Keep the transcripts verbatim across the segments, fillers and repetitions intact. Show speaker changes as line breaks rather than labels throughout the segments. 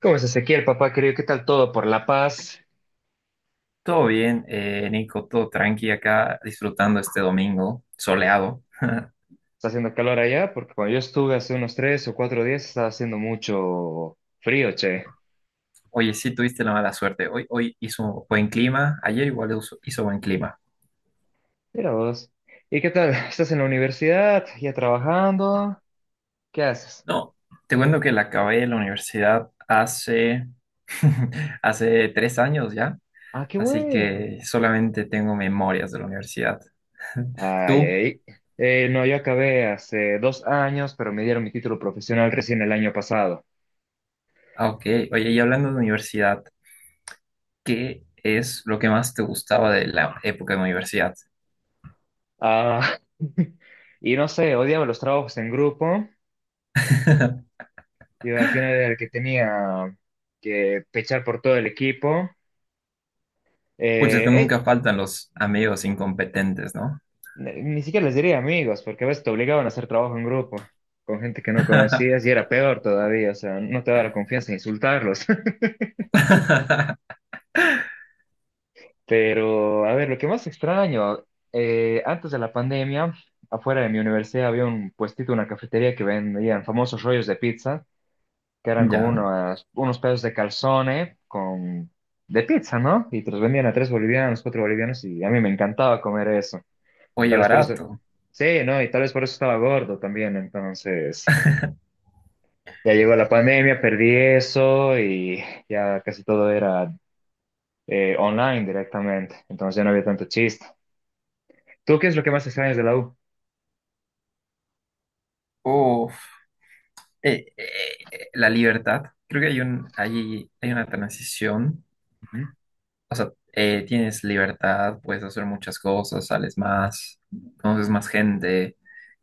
¿Cómo es Ezequiel, papá querido? ¿Qué tal todo por La Paz?
Todo bien, eh, Nico, todo tranqui acá, disfrutando este domingo soleado.
¿Está haciendo calor allá? Porque cuando yo estuve hace unos tres o cuatro días estaba haciendo mucho frío, che.
Oye, sí tuviste la mala suerte. Hoy, hoy hizo buen clima, ayer igual hizo, hizo buen clima.
Mira vos. ¿Y qué tal? ¿Estás en la universidad? ¿Ya trabajando? ¿Qué haces?
No, te cuento que la acabé la universidad hace, hace tres años ya,
Ah, qué
así
bueno.
que solamente tengo memorias de la universidad.
Ay,
Tú,
ay. Eh, no, yo acabé hace dos años, pero me dieron mi título profesional recién el año pasado.
ah, ok. Oye, y hablando de universidad, ¿qué es lo que más te gustaba de la época de universidad?
Ah, y no sé, odiaba los trabajos en grupo. Yo al final era el que tenía que pechar por todo el equipo.
Pucha, es que
Eh,
nunca
eh,
faltan los amigos incompetentes, ¿no?
Ni siquiera les diría amigos, porque a veces te obligaban a hacer trabajo en grupo con gente que no conocías y era peor todavía, o sea, no te daba la confianza de insultarlos. Pero, a ver, lo que más extraño, eh, antes de la pandemia, afuera de mi universidad había un puestito, una cafetería que vendían famosos rollos de pizza, que eran como
Ya.
unos, unos pedazos de calzone con, de pizza, ¿no? Y te los vendían a tres bolivianos, cuatro bolivianos, y a mí me encantaba comer eso.
Oye,
Tal vez por eso.
barato.
Sí, no, y tal vez por eso estaba gordo también. Entonces, ya llegó la pandemia, perdí eso y ya casi todo era eh, online directamente. Entonces ya no había tanto chiste. ¿Tú qué es lo que más extrañas de la U?
Uf. Eh, eh, eh, la libertad. Creo que hay un, hay, hay una transición.
Ujú.
O sea, eh, tienes libertad, puedes hacer muchas cosas, sales más, conoces más gente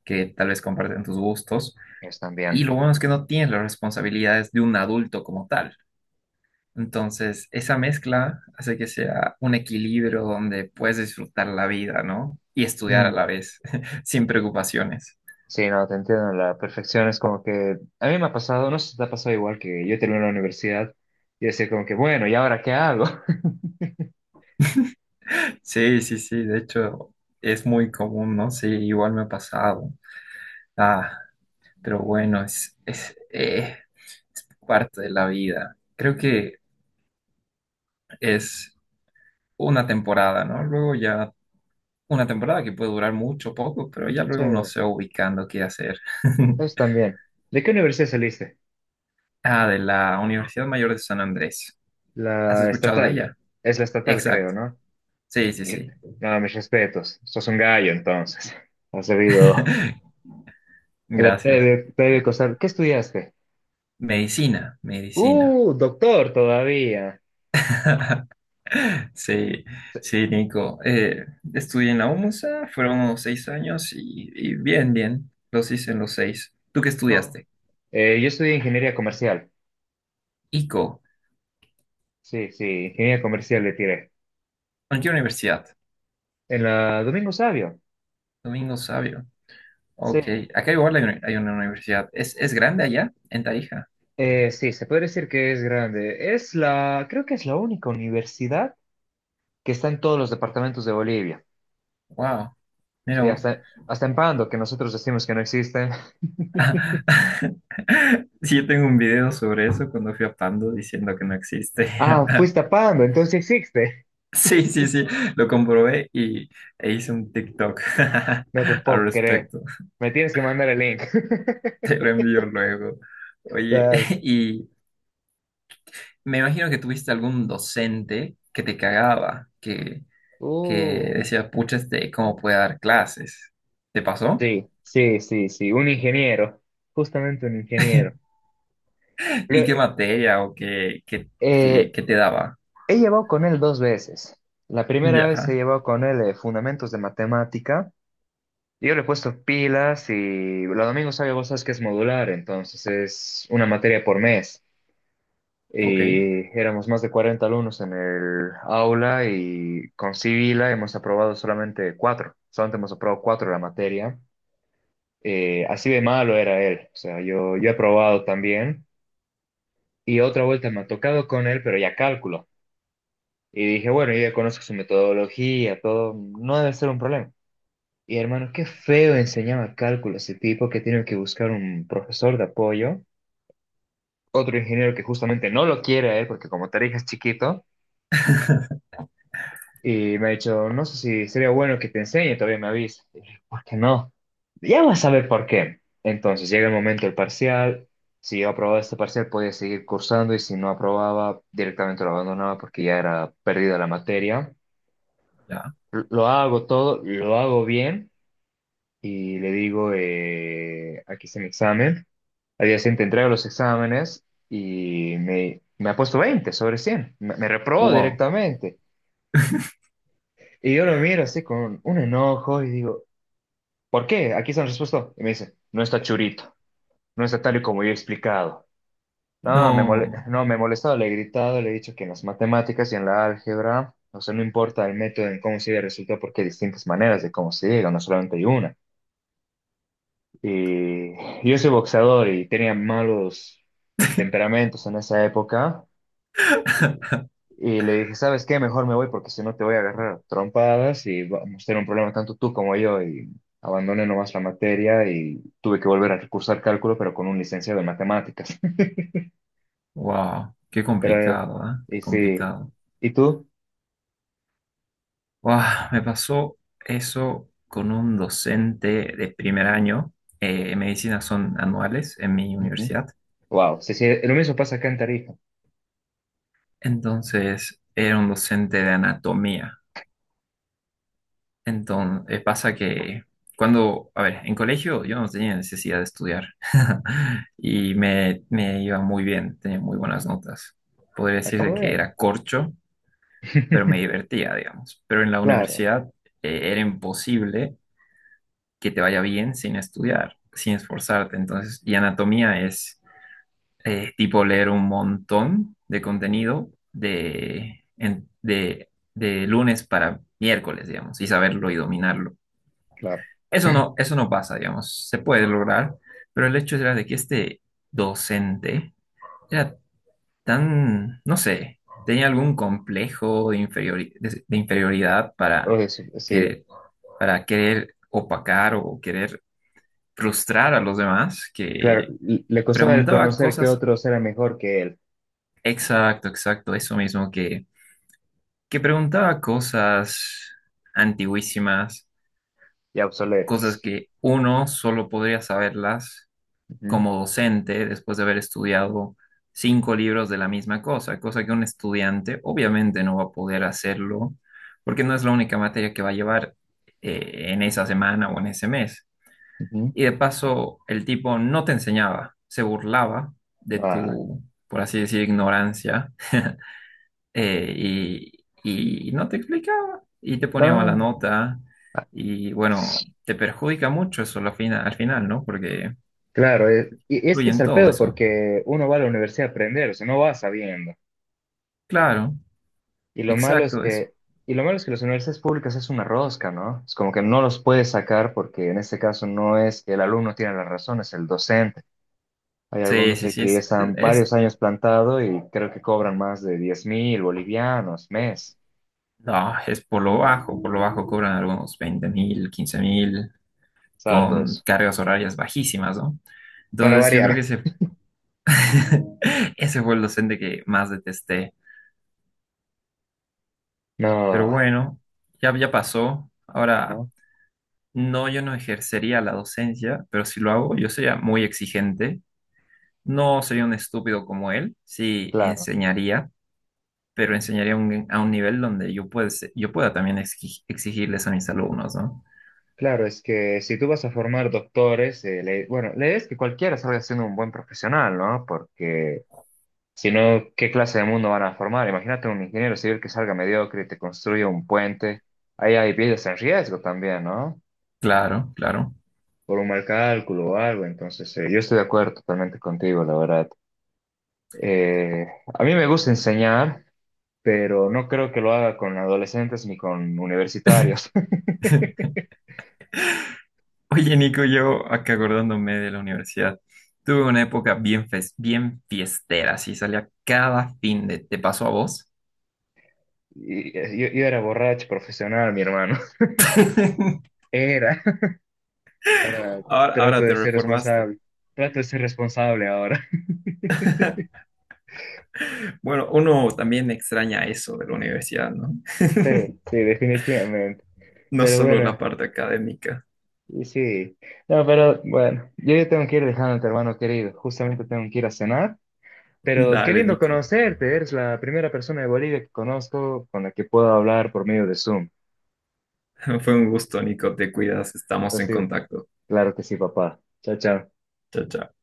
que tal vez comparten tus gustos.
Ellos
Y
también.
lo bueno es que no tienes las responsabilidades de un adulto como tal. Entonces, esa mezcla hace que sea un equilibrio donde puedes disfrutar la vida, ¿no? Y estudiar a
Mm,
la vez, sin preocupaciones.
sí, no, te entiendo. La perfección es como que a mí me ha pasado, no sé si te ha pasado igual que yo terminé la universidad y decir como que, bueno, ¿y ahora qué hago?
Sí, sí, sí, de hecho es muy común, ¿no? Sí, igual me ha pasado. Ah, pero bueno, es, es eh, parte de la vida. Creo que es una temporada, ¿no? Luego ya, una temporada que puede durar mucho, poco, pero ya
Sí,
luego uno se va ubicando qué hacer.
eso también. ¿De qué universidad saliste?
Ah, de la Universidad Mayor de San Andrés. ¿Has
La
escuchado de
estatal.
ella?
Es la estatal, creo,
Exacto.
¿no?
Sí, sí, sí.
No, mis respetos. Sos un gallo, entonces. Has debido, te
Gracias.
debe, te debe costar. ¿Qué estudiaste?
Medicina, medicina.
Uh, doctor todavía.
Sí,
Sí,
sí, Nico. Eh, estudié en la UMSA, fueron seis años y, y bien, bien, los hice en los seis. ¿Tú qué
qué bueno.
estudiaste?
Eh, yo estudié ingeniería comercial.
I C O.
Sí, sí, ingeniería comercial le tiré.
¿En qué universidad?
En la Domingo Sabio.
Domingo Sabio.
Sí.
Ok, acá igual hay, una hay una universidad. ¿Es, es grande allá? En Tarija.
Eh, sí, se puede decir que es grande. Es la, creo que es la única universidad que está en todos los departamentos de Bolivia.
Wow, mira
Sí,
vos.
hasta, hasta en Pando, que nosotros decimos que no existe.
Sí, yo tengo un video sobre eso cuando fui a Pando diciendo que no existe.
Ah, fuiste a Pando, entonces sí existe.
Sí, sí, sí, lo comprobé y e hice un TikTok
No te
al
puedo creer.
respecto.
Me tienes que mandar el link.
Te lo envío luego. Oye,
Tal.
y me imagino que tuviste algún docente que te cagaba, que, que
Uh,
decía, pucha, este, ¿cómo puede dar clases? ¿Te pasó?
sí, sí, sí, sí. Un ingeniero. Justamente un ingeniero.
¿Y qué
Lue-
materia o qué, qué, qué,
eh,
qué te daba?
he llevado con él dos veces. La primera vez he
Ya,
llevado con él eh, fundamentos de matemática. Yo le he puesto pilas y los domingos sabe vos sabes que es modular, entonces es una materia por mes.
ok.
Y éramos más de cuarenta alumnos en el aula y con Civila hemos aprobado solamente cuatro. Solamente hemos aprobado cuatro la materia. Eh, así de malo era él. O sea, yo, yo he aprobado también. Y otra vuelta me ha tocado con él, pero ya cálculo. Y dije, bueno, yo ya conozco su metodología, todo. No debe ser un problema. Y hermano, qué feo enseñaba cálculo ese tipo que tiene que buscar un profesor de apoyo. Otro ingeniero que justamente no lo quiere a él, porque como te dije es chiquito. Y me ha dicho, no sé si sería bueno que te enseñe, todavía me avisa. Y dije, ¿por qué no? Ya vas a ver por qué. Entonces llega el momento del parcial. Si yo aprobaba este parcial, podía seguir cursando y si no aprobaba, directamente lo abandonaba porque ya era perdida la materia.
Ya,
L- Lo hago todo, lo hago bien y le digo, eh, aquí está mi examen. Al día siguiente entrego los exámenes y me, me ha puesto veinte sobre cien. Me, me reprobó
wow.
directamente. Y yo lo miro así con un enojo y digo, ¿Por qué? Aquí está la respuesta. Y me dice, no está churito, no está tal y como yo he explicado. No, me mole-
No.
no, me he molestado, le he gritado, le he dicho que en las matemáticas y en la álgebra, o sea, no importa el método en cómo se llega al resultado porque hay distintas maneras de cómo se llega, no solamente hay una. Y yo soy boxeador y tenía malos temperamentos en esa época. Y le dije, ¿sabes qué? Mejor me voy porque si no te voy a agarrar a trompadas y vamos a tener un problema tanto tú como yo. Y abandoné nomás la materia y tuve que volver a recursar cálculo, pero con un licenciado en matemáticas.
Wow, qué
Pero, eh,
complicado, ¿ah?
y sí,
Complicado.
¿y tú?
Buah, me pasó eso con un docente de primer año. Eh, medicinas son anuales en mi
Ujú.
universidad.
Wow, sí, sí, lo mismo pasa acá en Tarija.
Entonces, era un docente de anatomía. Entonces, pasa que cuando, a ver, en colegio yo no tenía necesidad de estudiar y me, me iba muy bien, tenía muy buenas notas. Podría
Ah, qué
decirse que
bueno.
era corcho, pero me divertía, digamos. Pero en la
Claro,
universidad eh, era imposible que te vaya bien sin estudiar, sin esforzarte. Entonces, y anatomía es eh, tipo leer un montón de contenido de, en- de, de lunes para miércoles, digamos, y saberlo y dominarlo.
claro.
Eso no, eso no pasa, digamos, se puede lograr, pero el hecho era de que este docente era tan, no sé, tenía algún complejo de inferiori- de- de inferioridad
O
para
eso, sí,
querer, para querer opacar o querer frustrar a los demás,
claro.
que
l- Le costaba el
preguntaba
conocer que
cosas,
otros eran mejor que él
exacto, exacto, eso mismo, que, que preguntaba cosas antiguísimas,
y
cosas
obsoletos.
que uno solo podría saberlas
Ujú,
como docente después de haber estudiado cinco libros de la misma cosa, cosa que un estudiante obviamente no va a poder hacerlo porque no es la única materia que va a llevar eh, en esa semana o en ese mes.
ujú.
Y de paso, el tipo no te enseñaba, se burlaba de
Ah,
tu, por así decir, ignorancia, eh, y, y no te explicaba, y te ponía mala
no.
nota, y bueno, te perjudica mucho eso al final, al final, ¿no? Porque
Claro, eh, y y es que
influye
es el
todo
pedo
eso.
porque uno va a la universidad a aprender, o sea, no va sabiendo.
Claro,
Y lo malo es
exacto, eso.
que, y lo malo es que las universidades públicas es una rosca, ¿no? Es como que no los puedes sacar porque en este caso no es que el alumno tiene la razón, es el docente. Hay
Sí,
algunos
sí,
ahí
sí,
que ya
es, es,
están
es-
varios años plantado y creo que cobran más de diez mil bolivianos mes.
no, es por lo bajo, por lo bajo cobran algunos veinte mil, quince mil,
Es harto
con
eso.
cargas horarias bajísimas, ¿no?
Para
Entonces, yo creo que
variar.
se ese fue el docente que más detesté. Pero
No,
bueno, ya, ya pasó. Ahora,
¿no?
no, yo no ejercería la docencia, pero si lo hago, yo sería muy exigente. No sería un estúpido como él, sí
Claro.
enseñaría, pero enseñaría un- a un nivel donde yo, puede- yo pueda también exi- exigirles a mis alumnos, ¿no?
Claro, es que si tú vas a formar doctores, eh, la- bueno, la idea es que cualquiera salga siendo un buen profesional, ¿no? Porque si no, ¿qué clase de mundo van a formar? Imagínate un ingeniero civil que salga mediocre y te construye un puente. Ahí hay vidas en riesgo también, ¿no?
Claro, claro.
Por un mal cálculo o algo. Entonces, eh, yo estoy de acuerdo totalmente contigo, la verdad. Eh, a mí me gusta enseñar, pero no creo que lo haga con adolescentes ni con universitarios.
Oye, Nico, yo acá acordándome de la universidad. Tuve una época bien, fes- bien fiestera, sí, salía cada fin de... ¿Te pasó a vos?
Y, eh, yo, yo era borracho profesional, mi hermano. Era. Ahora
Ahora,
trato
ahora te
de ser
reformaste.
responsable. Trato de ser responsable ahora.
Bueno, uno también extraña eso de la universidad, ¿no?
Sí, sí, definitivamente.
No
Pero
solo la
bueno,
parte académica.
y sí. No, pero bueno, yo ya tengo que ir dejándote, hermano querido. Justamente tengo que ir a cenar. Pero qué
Dale,
lindo
Nico.
conocerte. Eres la primera persona de Bolivia que conozco con la que puedo hablar por medio de Zoom.
Fue un gusto, Nico. Te cuidas.
Ha
Estamos en
sido.
contacto.
Claro que sí, papá. Chao, chao.
Chao, chao.